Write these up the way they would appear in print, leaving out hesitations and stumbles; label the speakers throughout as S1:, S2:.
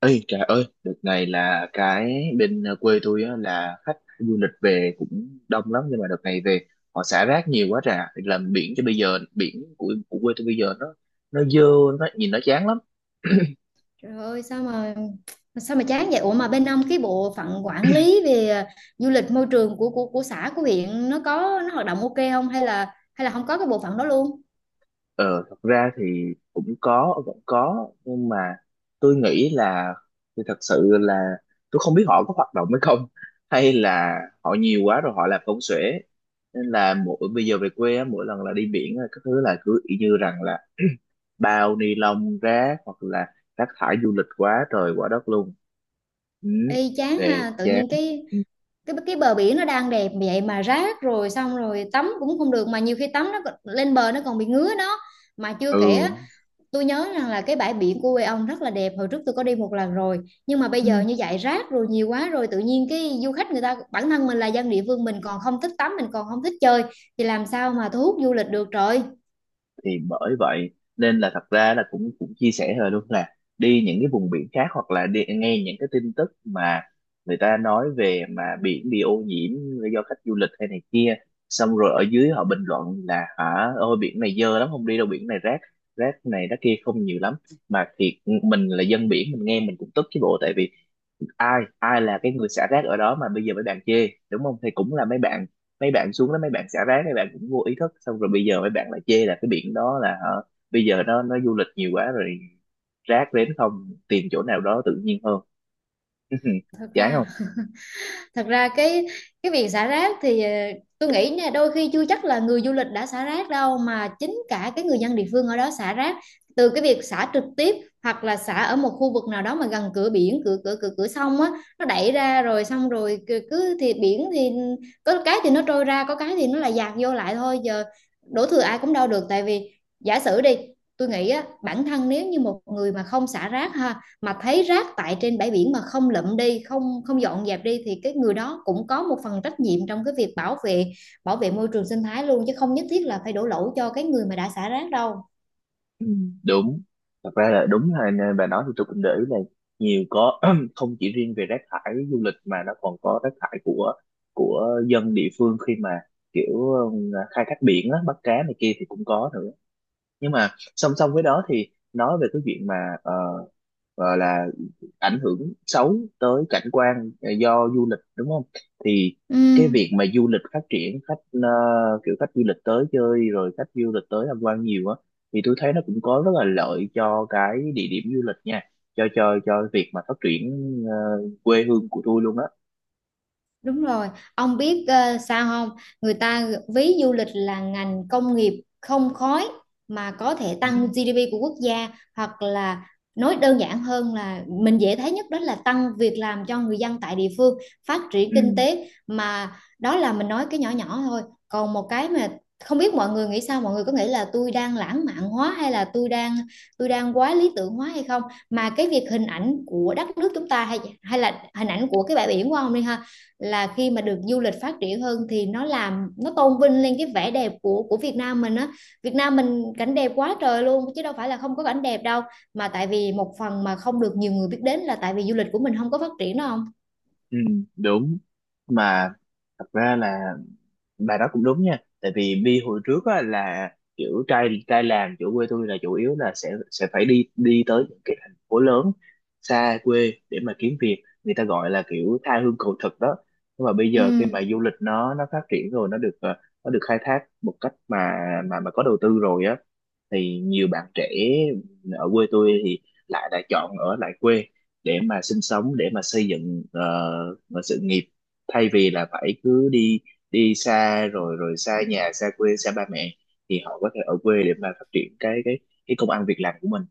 S1: Ê trời ơi, đợt này là cái bên quê tôi á, là khách du lịch về cũng đông lắm, nhưng mà đợt này về họ xả rác nhiều quá trà làm biển cho bây giờ biển của quê tôi bây giờ nó dơ, nó nhìn nó chán lắm.
S2: Trời ơi sao mà chán vậy? Ủa mà bên ông cái bộ phận quản lý về du lịch môi trường của xã của huyện nó có hoạt động ok không hay là không có cái bộ phận đó luôn?
S1: Ờ, thật ra thì cũng có, vẫn có, nhưng mà tôi nghĩ là thì thật sự là tôi không biết họ có hoạt động hay không, hay là họ nhiều quá rồi họ làm công xuể, nên là mỗi bây giờ về quê á, mỗi lần là đi biển á, các thứ là cứ y như rằng là bao ni lông rác hoặc là rác thải du lịch quá trời quá đất luôn. Ừ.
S2: Ê chán
S1: Về
S2: ha, tự
S1: chán.
S2: nhiên cái bờ biển nó đang đẹp vậy mà rác rồi xong rồi tắm cũng không được, mà nhiều khi tắm nó lên bờ nó còn bị ngứa đó. Mà chưa kể,
S1: Ừ.
S2: tôi nhớ rằng là cái bãi biển của quê ông rất là đẹp, hồi trước tôi có đi một lần rồi. Nhưng mà bây giờ
S1: Ừ.
S2: như vậy rác rồi nhiều quá rồi, tự nhiên cái du khách người ta, bản thân mình là dân địa phương mình còn không thích tắm, mình còn không thích chơi thì làm sao mà thu hút du lịch được trời.
S1: Thì bởi vậy nên là thật ra là cũng cũng chia sẻ rồi luôn, là đi những cái vùng biển khác hoặc là đi nghe những cái tin tức mà người ta nói về mà biển bị ô nhiễm do khách du lịch hay này kia, xong rồi ở dưới họ bình luận là hả ôi biển này dơ lắm không đi đâu biển này rác, rác này rác kia không nhiều lắm mà thiệt. Mình là dân biển mình nghe mình cũng tức chứ bộ, tại vì ai ai là cái người xả rác ở đó mà bây giờ mấy bạn chê đúng không, thì cũng là mấy bạn xuống đó, mấy bạn xả rác mấy bạn cũng vô ý thức xong rồi bây giờ mấy bạn lại chê là cái biển đó là hả, bây giờ nó du lịch nhiều quá rồi rác đến không tìm chỗ nào đó tự nhiên hơn.
S2: Thật
S1: Chán
S2: ra
S1: không?
S2: thật ra cái việc xả rác thì tôi nghĩ nha, đôi khi chưa chắc là người du lịch đã xả rác đâu, mà chính cả cái người dân địa phương ở đó xả rác, từ cái việc xả trực tiếp hoặc là xả ở một khu vực nào đó mà gần cửa biển cửa cửa cửa cửa sông á, nó đẩy ra rồi xong rồi cứ cứ thì biển thì có cái thì nó trôi ra, có cái thì nó là dạt vô lại thôi, giờ đổ thừa ai cũng đâu được, tại vì giả sử đi, tôi nghĩ á, bản thân nếu như một người mà không xả rác ha, mà thấy rác tại trên bãi biển mà không lượm đi, không không dọn dẹp đi, thì cái người đó cũng có một phần trách nhiệm trong cái việc bảo vệ môi trường sinh thái luôn, chứ không nhất thiết là phải đổ lỗi cho cái người mà đã xả rác đâu.
S1: Đúng, thật ra là đúng, là nè, bà nói thì tôi cũng để ý là nhiều có không chỉ riêng về rác thải du lịch mà nó còn có rác thải của dân địa phương khi mà kiểu khai thác biển á, bắt cá này kia thì cũng có nữa. Nhưng mà song song với đó thì nói về cái chuyện mà ờ, gọi là ảnh hưởng xấu tới cảnh quan do du lịch, đúng không, thì
S2: Ừ.
S1: cái việc mà du lịch phát triển khách kiểu khách du lịch tới chơi rồi khách du lịch tới tham quan nhiều á thì tôi thấy nó cũng có rất là lợi cho cái địa điểm du lịch nha, cho cho việc mà phát triển ờ, quê hương của tôi luôn á.
S2: Đúng rồi, ông biết sao không? Người ta ví du lịch là ngành công nghiệp không khói mà có thể
S1: Ừ,
S2: tăng GDP của quốc gia, hoặc là nói đơn giản hơn là mình dễ thấy nhất đó là tăng việc làm cho người dân tại địa phương, phát triển
S1: ừ,
S2: kinh tế mà. Đó là mình nói cái nhỏ nhỏ thôi. Còn một cái mà không biết mọi người nghĩ sao, mọi người có nghĩ là tôi đang lãng mạn hóa hay là tôi đang quá lý tưởng hóa hay không? Mà cái việc hình ảnh của đất nước chúng ta hay hay là hình ảnh của cái bãi biển của ông đi ha, là khi mà được du lịch phát triển hơn thì nó làm, nó tôn vinh lên cái vẻ đẹp của Việt Nam mình á, Việt Nam mình cảnh đẹp quá trời luôn chứ đâu phải là không có cảnh đẹp đâu, mà tại vì một phần mà không được nhiều người biết đến là tại vì du lịch của mình không có phát triển đâu không.
S1: ừ, đúng mà, thật ra là bà đó cũng đúng nha, tại vì Bi hồi trước á, là kiểu trai trai làm chỗ quê tôi là chủ yếu là sẽ phải đi đi tới những cái thành phố lớn xa quê để mà kiếm việc, người ta gọi là kiểu tha hương cầu thực đó. Nhưng mà bây
S2: Ừ,
S1: giờ khi mà du lịch nó phát triển rồi nó được nó được khai thác một cách mà mà có đầu tư rồi á, thì nhiều bạn trẻ ở quê tôi thì lại lại chọn ở lại quê để mà sinh sống, để mà xây dựng sự nghiệp, thay vì là phải cứ đi đi xa rồi rồi xa nhà xa quê xa ba mẹ, thì họ có thể ở quê để mà phát triển cái công ăn việc làm của mình.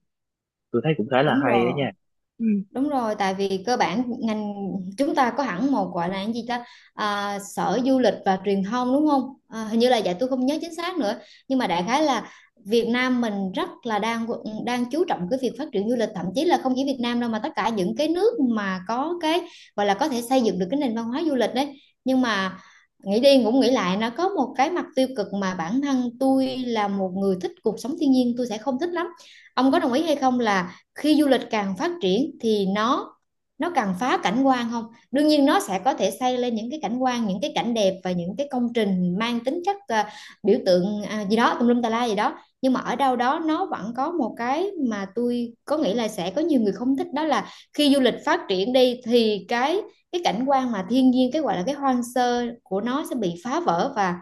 S1: Tôi thấy cũng khá là
S2: đúng
S1: hay ấy
S2: rồi.
S1: nha. Ừ.
S2: Đúng rồi, tại vì cơ bản ngành chúng ta có hẳn một gọi là cái gì ta, sở du lịch và truyền thông đúng không? À, hình như là vậy, tôi không nhớ chính xác nữa, nhưng mà đại khái là Việt Nam mình rất là đang đang chú trọng cái việc phát triển du lịch, thậm chí là không chỉ Việt Nam đâu mà tất cả những cái nước mà có cái gọi là có thể xây dựng được cái nền văn hóa du lịch đấy. Nhưng mà nghĩ đi cũng nghĩ lại, nó có một cái mặt tiêu cực mà bản thân tôi là một người thích cuộc sống thiên nhiên tôi sẽ không thích lắm. Ông có đồng ý hay không là khi du lịch càng phát triển thì nó càng phá cảnh quan không? Đương nhiên nó sẽ có thể xây lên những cái cảnh quan, những cái cảnh đẹp và những cái công trình mang tính chất biểu tượng gì đó tùm lum tà la gì đó, nhưng mà ở đâu đó nó vẫn có một cái mà tôi có nghĩ là sẽ có nhiều người không thích, đó là khi du lịch phát triển đi thì cái cảnh quan mà thiên nhiên, cái gọi là cái hoang sơ của nó sẽ bị phá vỡ, và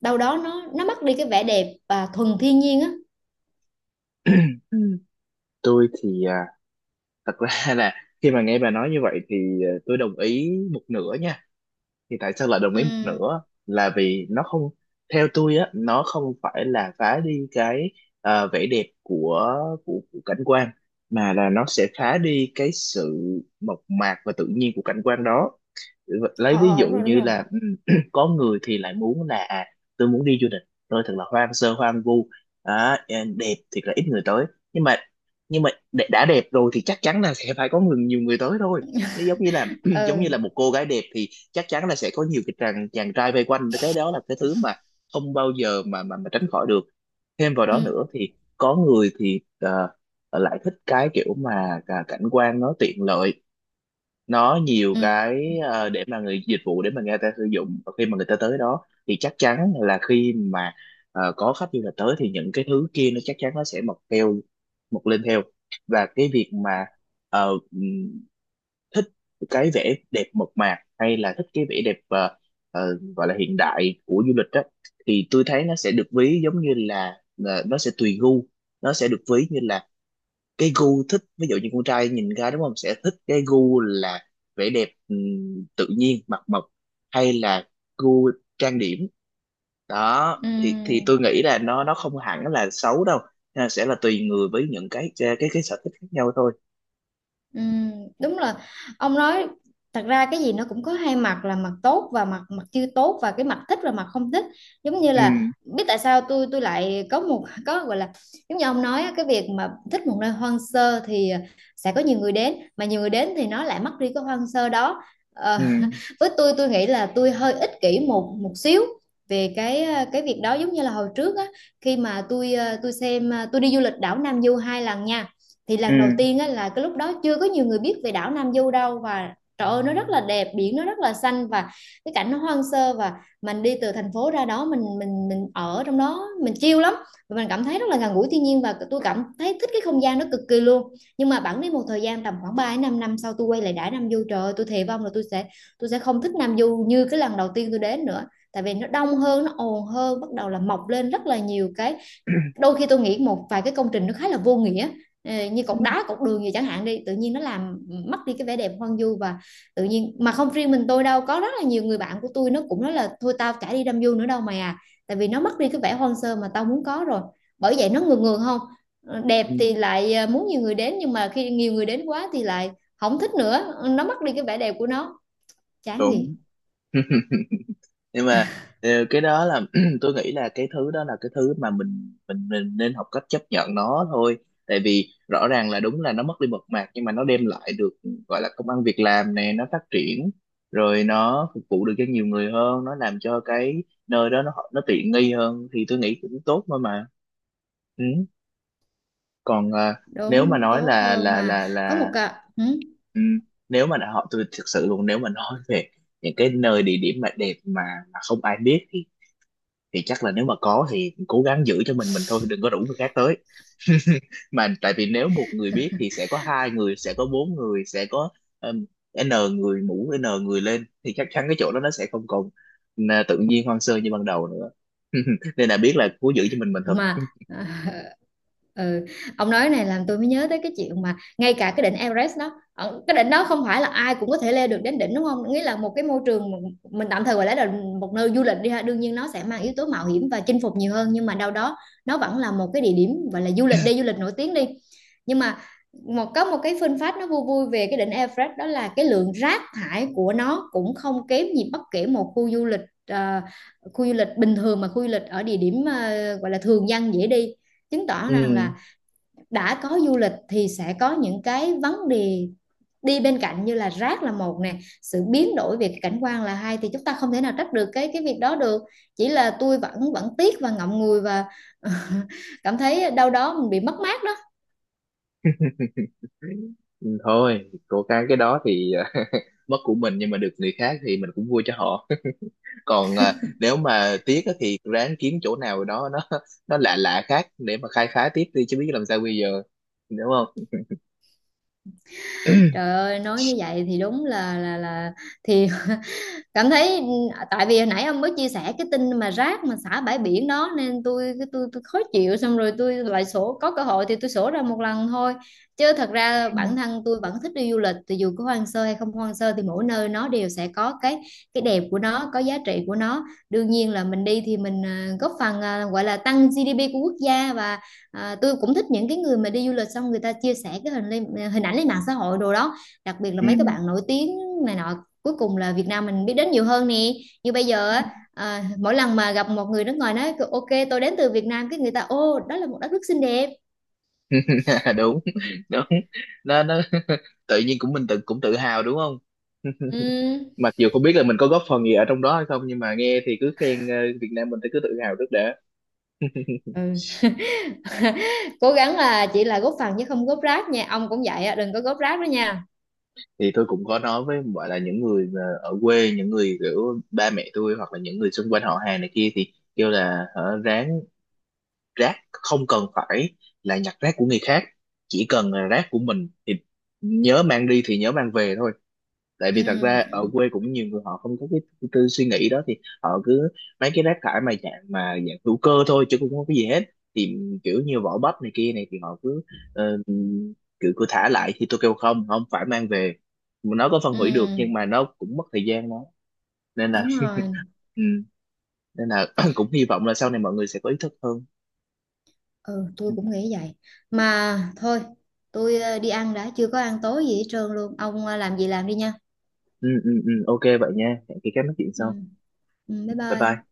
S2: đâu đó nó mất đi cái vẻ đẹp và thuần thiên nhiên á.
S1: Ừ, tôi thì thật ra là khi mà nghe bà nói như vậy thì tôi đồng ý một nửa nha. Thì tại sao lại đồng ý một
S2: Ừ.
S1: nửa là vì nó không, theo tôi á nó không phải là phá đi cái vẻ đẹp của, của cảnh quan, mà là nó sẽ phá đi cái sự mộc mạc và tự nhiên của cảnh quan đó. Lấy
S2: Ờ,
S1: ví
S2: ờ,
S1: dụ
S2: đúng rồi, đúng
S1: như
S2: rồi.
S1: là có người thì lại muốn là tôi muốn đi du lịch, tôi thật là hoang sơ hoang vu. Đó, đẹp thì là ít người tới, nhưng mà đã đẹp rồi thì chắc chắn là sẽ phải có người nhiều người tới thôi. Nó giống như là giống như là
S2: Ừ.
S1: một cô gái đẹp thì chắc chắn là sẽ có nhiều cái chàng chàng trai vây quanh, cái đó là cái thứ mà không bao giờ mà mà tránh khỏi được. Thêm vào
S2: Ừ.
S1: đó nữa thì có người thì lại thích cái kiểu mà cảnh quan nó tiện lợi, nó nhiều
S2: Ừ,
S1: cái để mà người dịch vụ, để mà người ta sử dụng và khi mà người ta tới đó thì chắc chắn là khi mà có khách du lịch tới thì những cái thứ kia nó chắc chắn nó sẽ mọc theo, mọc lên theo. Và cái việc mà ờ, ừm, thích cái vẻ đẹp mộc mạc hay là thích cái vẻ đẹp gọi là hiện đại của du lịch đó, thì tôi thấy nó sẽ được ví giống như là nó sẽ tùy gu, nó sẽ được ví như là cái gu thích, ví dụ như con trai nhìn ra đúng không sẽ thích cái gu là vẻ đẹp tự nhiên mặt mộc, hay là gu trang điểm đó, thì
S2: ừ,
S1: tôi nghĩ là nó không hẳn là xấu đâu. Nó sẽ là tùy người với những cái sở thích khác nhau thôi.
S2: ừ. Đúng là ông nói, thật ra cái gì nó cũng có hai mặt, là mặt tốt và mặt mặt chưa tốt, và cái mặt thích và mặt không thích, giống như
S1: Ừ,
S2: là, biết tại sao tôi lại có một, có gọi là, giống như ông nói á, cái việc mà thích một nơi hoang sơ thì sẽ có nhiều người đến, mà nhiều người đến thì nó lại mất đi cái hoang sơ đó. Ờ,
S1: ừ,
S2: với tôi nghĩ là tôi hơi ích kỷ một một xíu về cái việc đó, giống như là hồi trước á, khi mà tôi xem, tôi đi du lịch đảo Nam Du hai lần nha, thì lần đầu
S1: ừ,
S2: tiên á, là cái lúc đó chưa có nhiều người biết về đảo Nam Du đâu, và trời ơi nó rất là đẹp, biển nó rất là xanh và cái cảnh nó hoang sơ, và mình đi từ thành phố ra đó, mình ở trong đó mình chill lắm, và mình cảm thấy rất là gần gũi thiên nhiên, và tôi cảm thấy thích cái không gian đó cực kỳ luôn. Nhưng mà bẵng đi một thời gian tầm khoảng 3 đến 5 năm sau tôi quay lại đảo Nam Du, trời ơi tôi thề vong là tôi sẽ không thích Nam Du như cái lần đầu tiên tôi đến nữa, tại vì nó đông hơn, nó ồn hơn, bắt đầu là mọc lên rất là nhiều cái, đôi khi tôi nghĩ một vài cái công trình nó khá là vô nghĩa. Như cột đá cột đường gì chẳng hạn đi, tự nhiên nó làm mất đi cái vẻ đẹp hoang vu và tự nhiên, mà không riêng mình tôi đâu, có rất là nhiều người bạn của tôi nó cũng nói là thôi tao chả đi đâm du nữa đâu mày à, tại vì nó mất đi cái vẻ hoang sơ mà tao muốn có rồi. Bởi vậy nó ngược ngược không? Đẹp
S1: ừ,
S2: thì lại muốn nhiều người đến, nhưng mà khi nhiều người đến quá thì lại không thích nữa. Ờ, nó mất đi cái vẻ đẹp của nó, chán gì.
S1: đúng. Nhưng mà cái đó là tôi nghĩ là cái thứ đó là cái thứ mà mình nên học cách chấp nhận nó thôi. Tại vì rõ ràng là đúng là nó mất đi mộc mạc nhưng mà nó đem lại được, gọi là công ăn việc làm nè, nó phát triển rồi nó phục vụ được cho nhiều người hơn, nó làm cho cái nơi đó nó tiện nghi hơn thì tôi nghĩ cũng tốt thôi mà. Ừ. Còn nếu mà
S2: Đúng,
S1: nói
S2: tốt
S1: là
S2: hơn
S1: là
S2: mà.
S1: là
S2: Có một
S1: là
S2: cả,
S1: ừm, nếu mà họ tôi thực sự luôn, nếu mà nói về những cái nơi địa điểm mà đẹp mà không ai biết thì chắc là nếu mà có thì cố gắng giữ cho mình thôi, đừng có rủ người khác tới. Mà tại vì nếu một người biết thì sẽ có hai người, sẽ có bốn người, sẽ có um, n người mũ n người lên thì chắc chắn cái chỗ đó nó sẽ không còn tự nhiên hoang sơ như ban đầu nữa. Nên là biết là cố giữ cho mình thôi.
S2: mà, à, ừ. Ông nói này làm tôi mới nhớ tới cái chuyện mà ngay cả cái đỉnh Everest đó, cái đỉnh đó không phải là ai cũng có thể leo được đến đỉnh đúng không, nghĩa là một cái môi trường mà mình tạm thời gọi là một nơi du lịch đi ha, đương nhiên nó sẽ mang yếu tố mạo hiểm và chinh phục nhiều hơn, nhưng mà đâu đó nó vẫn là một cái địa điểm gọi là du lịch, đi du lịch nổi tiếng đi, nhưng mà một có một cái fun fact nó vui vui về cái đỉnh Everest, đó là cái lượng rác thải của nó cũng không kém gì bất kể một khu du lịch, ờ, khu du lịch bình thường, mà khu du lịch ở địa điểm gọi là thường dân dễ đi, chứng tỏ
S1: Ừ.
S2: rằng là đã có du lịch thì sẽ có những cái vấn đề đi bên cạnh, như là rác là một nè, sự biến đổi về cảnh quan là hai, thì chúng ta không thể nào trách được cái việc đó được, chỉ là tôi vẫn vẫn tiếc và ngậm ngùi và cảm thấy đâu đó mình bị mất mát đó.
S1: Ừ, thôi cố gắng cái đó thì mất của mình nhưng mà được người khác thì mình cũng vui cho họ. Còn nếu mà tiếc á thì ráng kiếm chỗ nào đó nó lạ lạ khác để mà khai phá tiếp đi, chứ biết làm sao bây giờ, đúng không.
S2: Trời ơi nói như vậy thì đúng là thì cảm thấy, tại vì hồi nãy ông mới chia sẻ cái tin mà rác mà xả bãi biển đó nên tôi cái tôi khó chịu, xong rồi tôi lại sổ, có cơ hội thì tôi sổ ra một lần thôi, chứ thật
S1: Ừ.
S2: ra bản thân tôi vẫn thích đi du lịch, thì dù có hoang sơ hay không hoang sơ thì mỗi nơi nó đều sẽ có cái đẹp của nó, có giá trị của nó, đương nhiên là mình đi thì mình góp phần, gọi là tăng GDP của quốc gia, và tôi cũng thích những cái người mà đi du lịch xong người ta chia sẻ cái hình lên, hình ảnh lên mạng xã hội đồ đó, đặc biệt là mấy cái bạn nổi tiếng này nọ, cuối cùng là Việt Nam mình biết đến nhiều hơn nè, như bây giờ á, mỗi lần mà gặp một người nước ngoài nói Ok, tôi đến từ Việt Nam," cái người ta, ô đó là một đất nước xinh đẹp.
S1: Đúng. Đúng. Nó tự nhiên cũng mình tự cũng tự hào đúng không.
S2: Ừm.
S1: Mặc dù không biết là mình có góp phần gì ở trong đó hay không, nhưng mà nghe thì cứ khen Việt Nam mình thì cứ tự hào trước đã.
S2: Ừ. Cố gắng là chỉ là góp phần chứ không góp rác nha, ông cũng vậy á, đừng có góp rác đó nha.
S1: Thì tôi cũng có nói với, gọi là những người mà ở quê, những người kiểu ba mẹ tôi hoặc là những người xung quanh họ hàng này kia, thì kêu là hở, ráng rác không cần phải là nhặt rác của người khác, chỉ cần là rác của mình thì nhớ mang đi thì nhớ mang về thôi. Tại vì thật ra ở
S2: Ừm,
S1: quê cũng nhiều người họ không có cái tư suy nghĩ đó, thì họ cứ mấy cái rác thải mà dạng hữu cơ thôi chứ cũng không có gì hết, thì kiểu như vỏ bắp này kia này thì họ cứ ờ, kiểu cứ thả lại thì tôi kêu không, không phải mang về, nó có phân hủy được nhưng
S2: ừm,
S1: mà nó cũng mất thời gian đó. Nên là
S2: đúng rồi.
S1: ừ, nên là cũng hy vọng là sau này mọi người sẽ có ý thức hơn.
S2: Ừ, tôi
S1: Ừ,
S2: cũng nghĩ vậy. Mà thôi, tôi đi ăn đã, chưa có ăn tối gì hết trơn luôn, ông làm gì làm đi nha.
S1: ừ, ừ, ừ, OK vậy nha, hẹn khi các nói chuyện sau.
S2: Ừm, bye
S1: Bye
S2: bye.
S1: bye.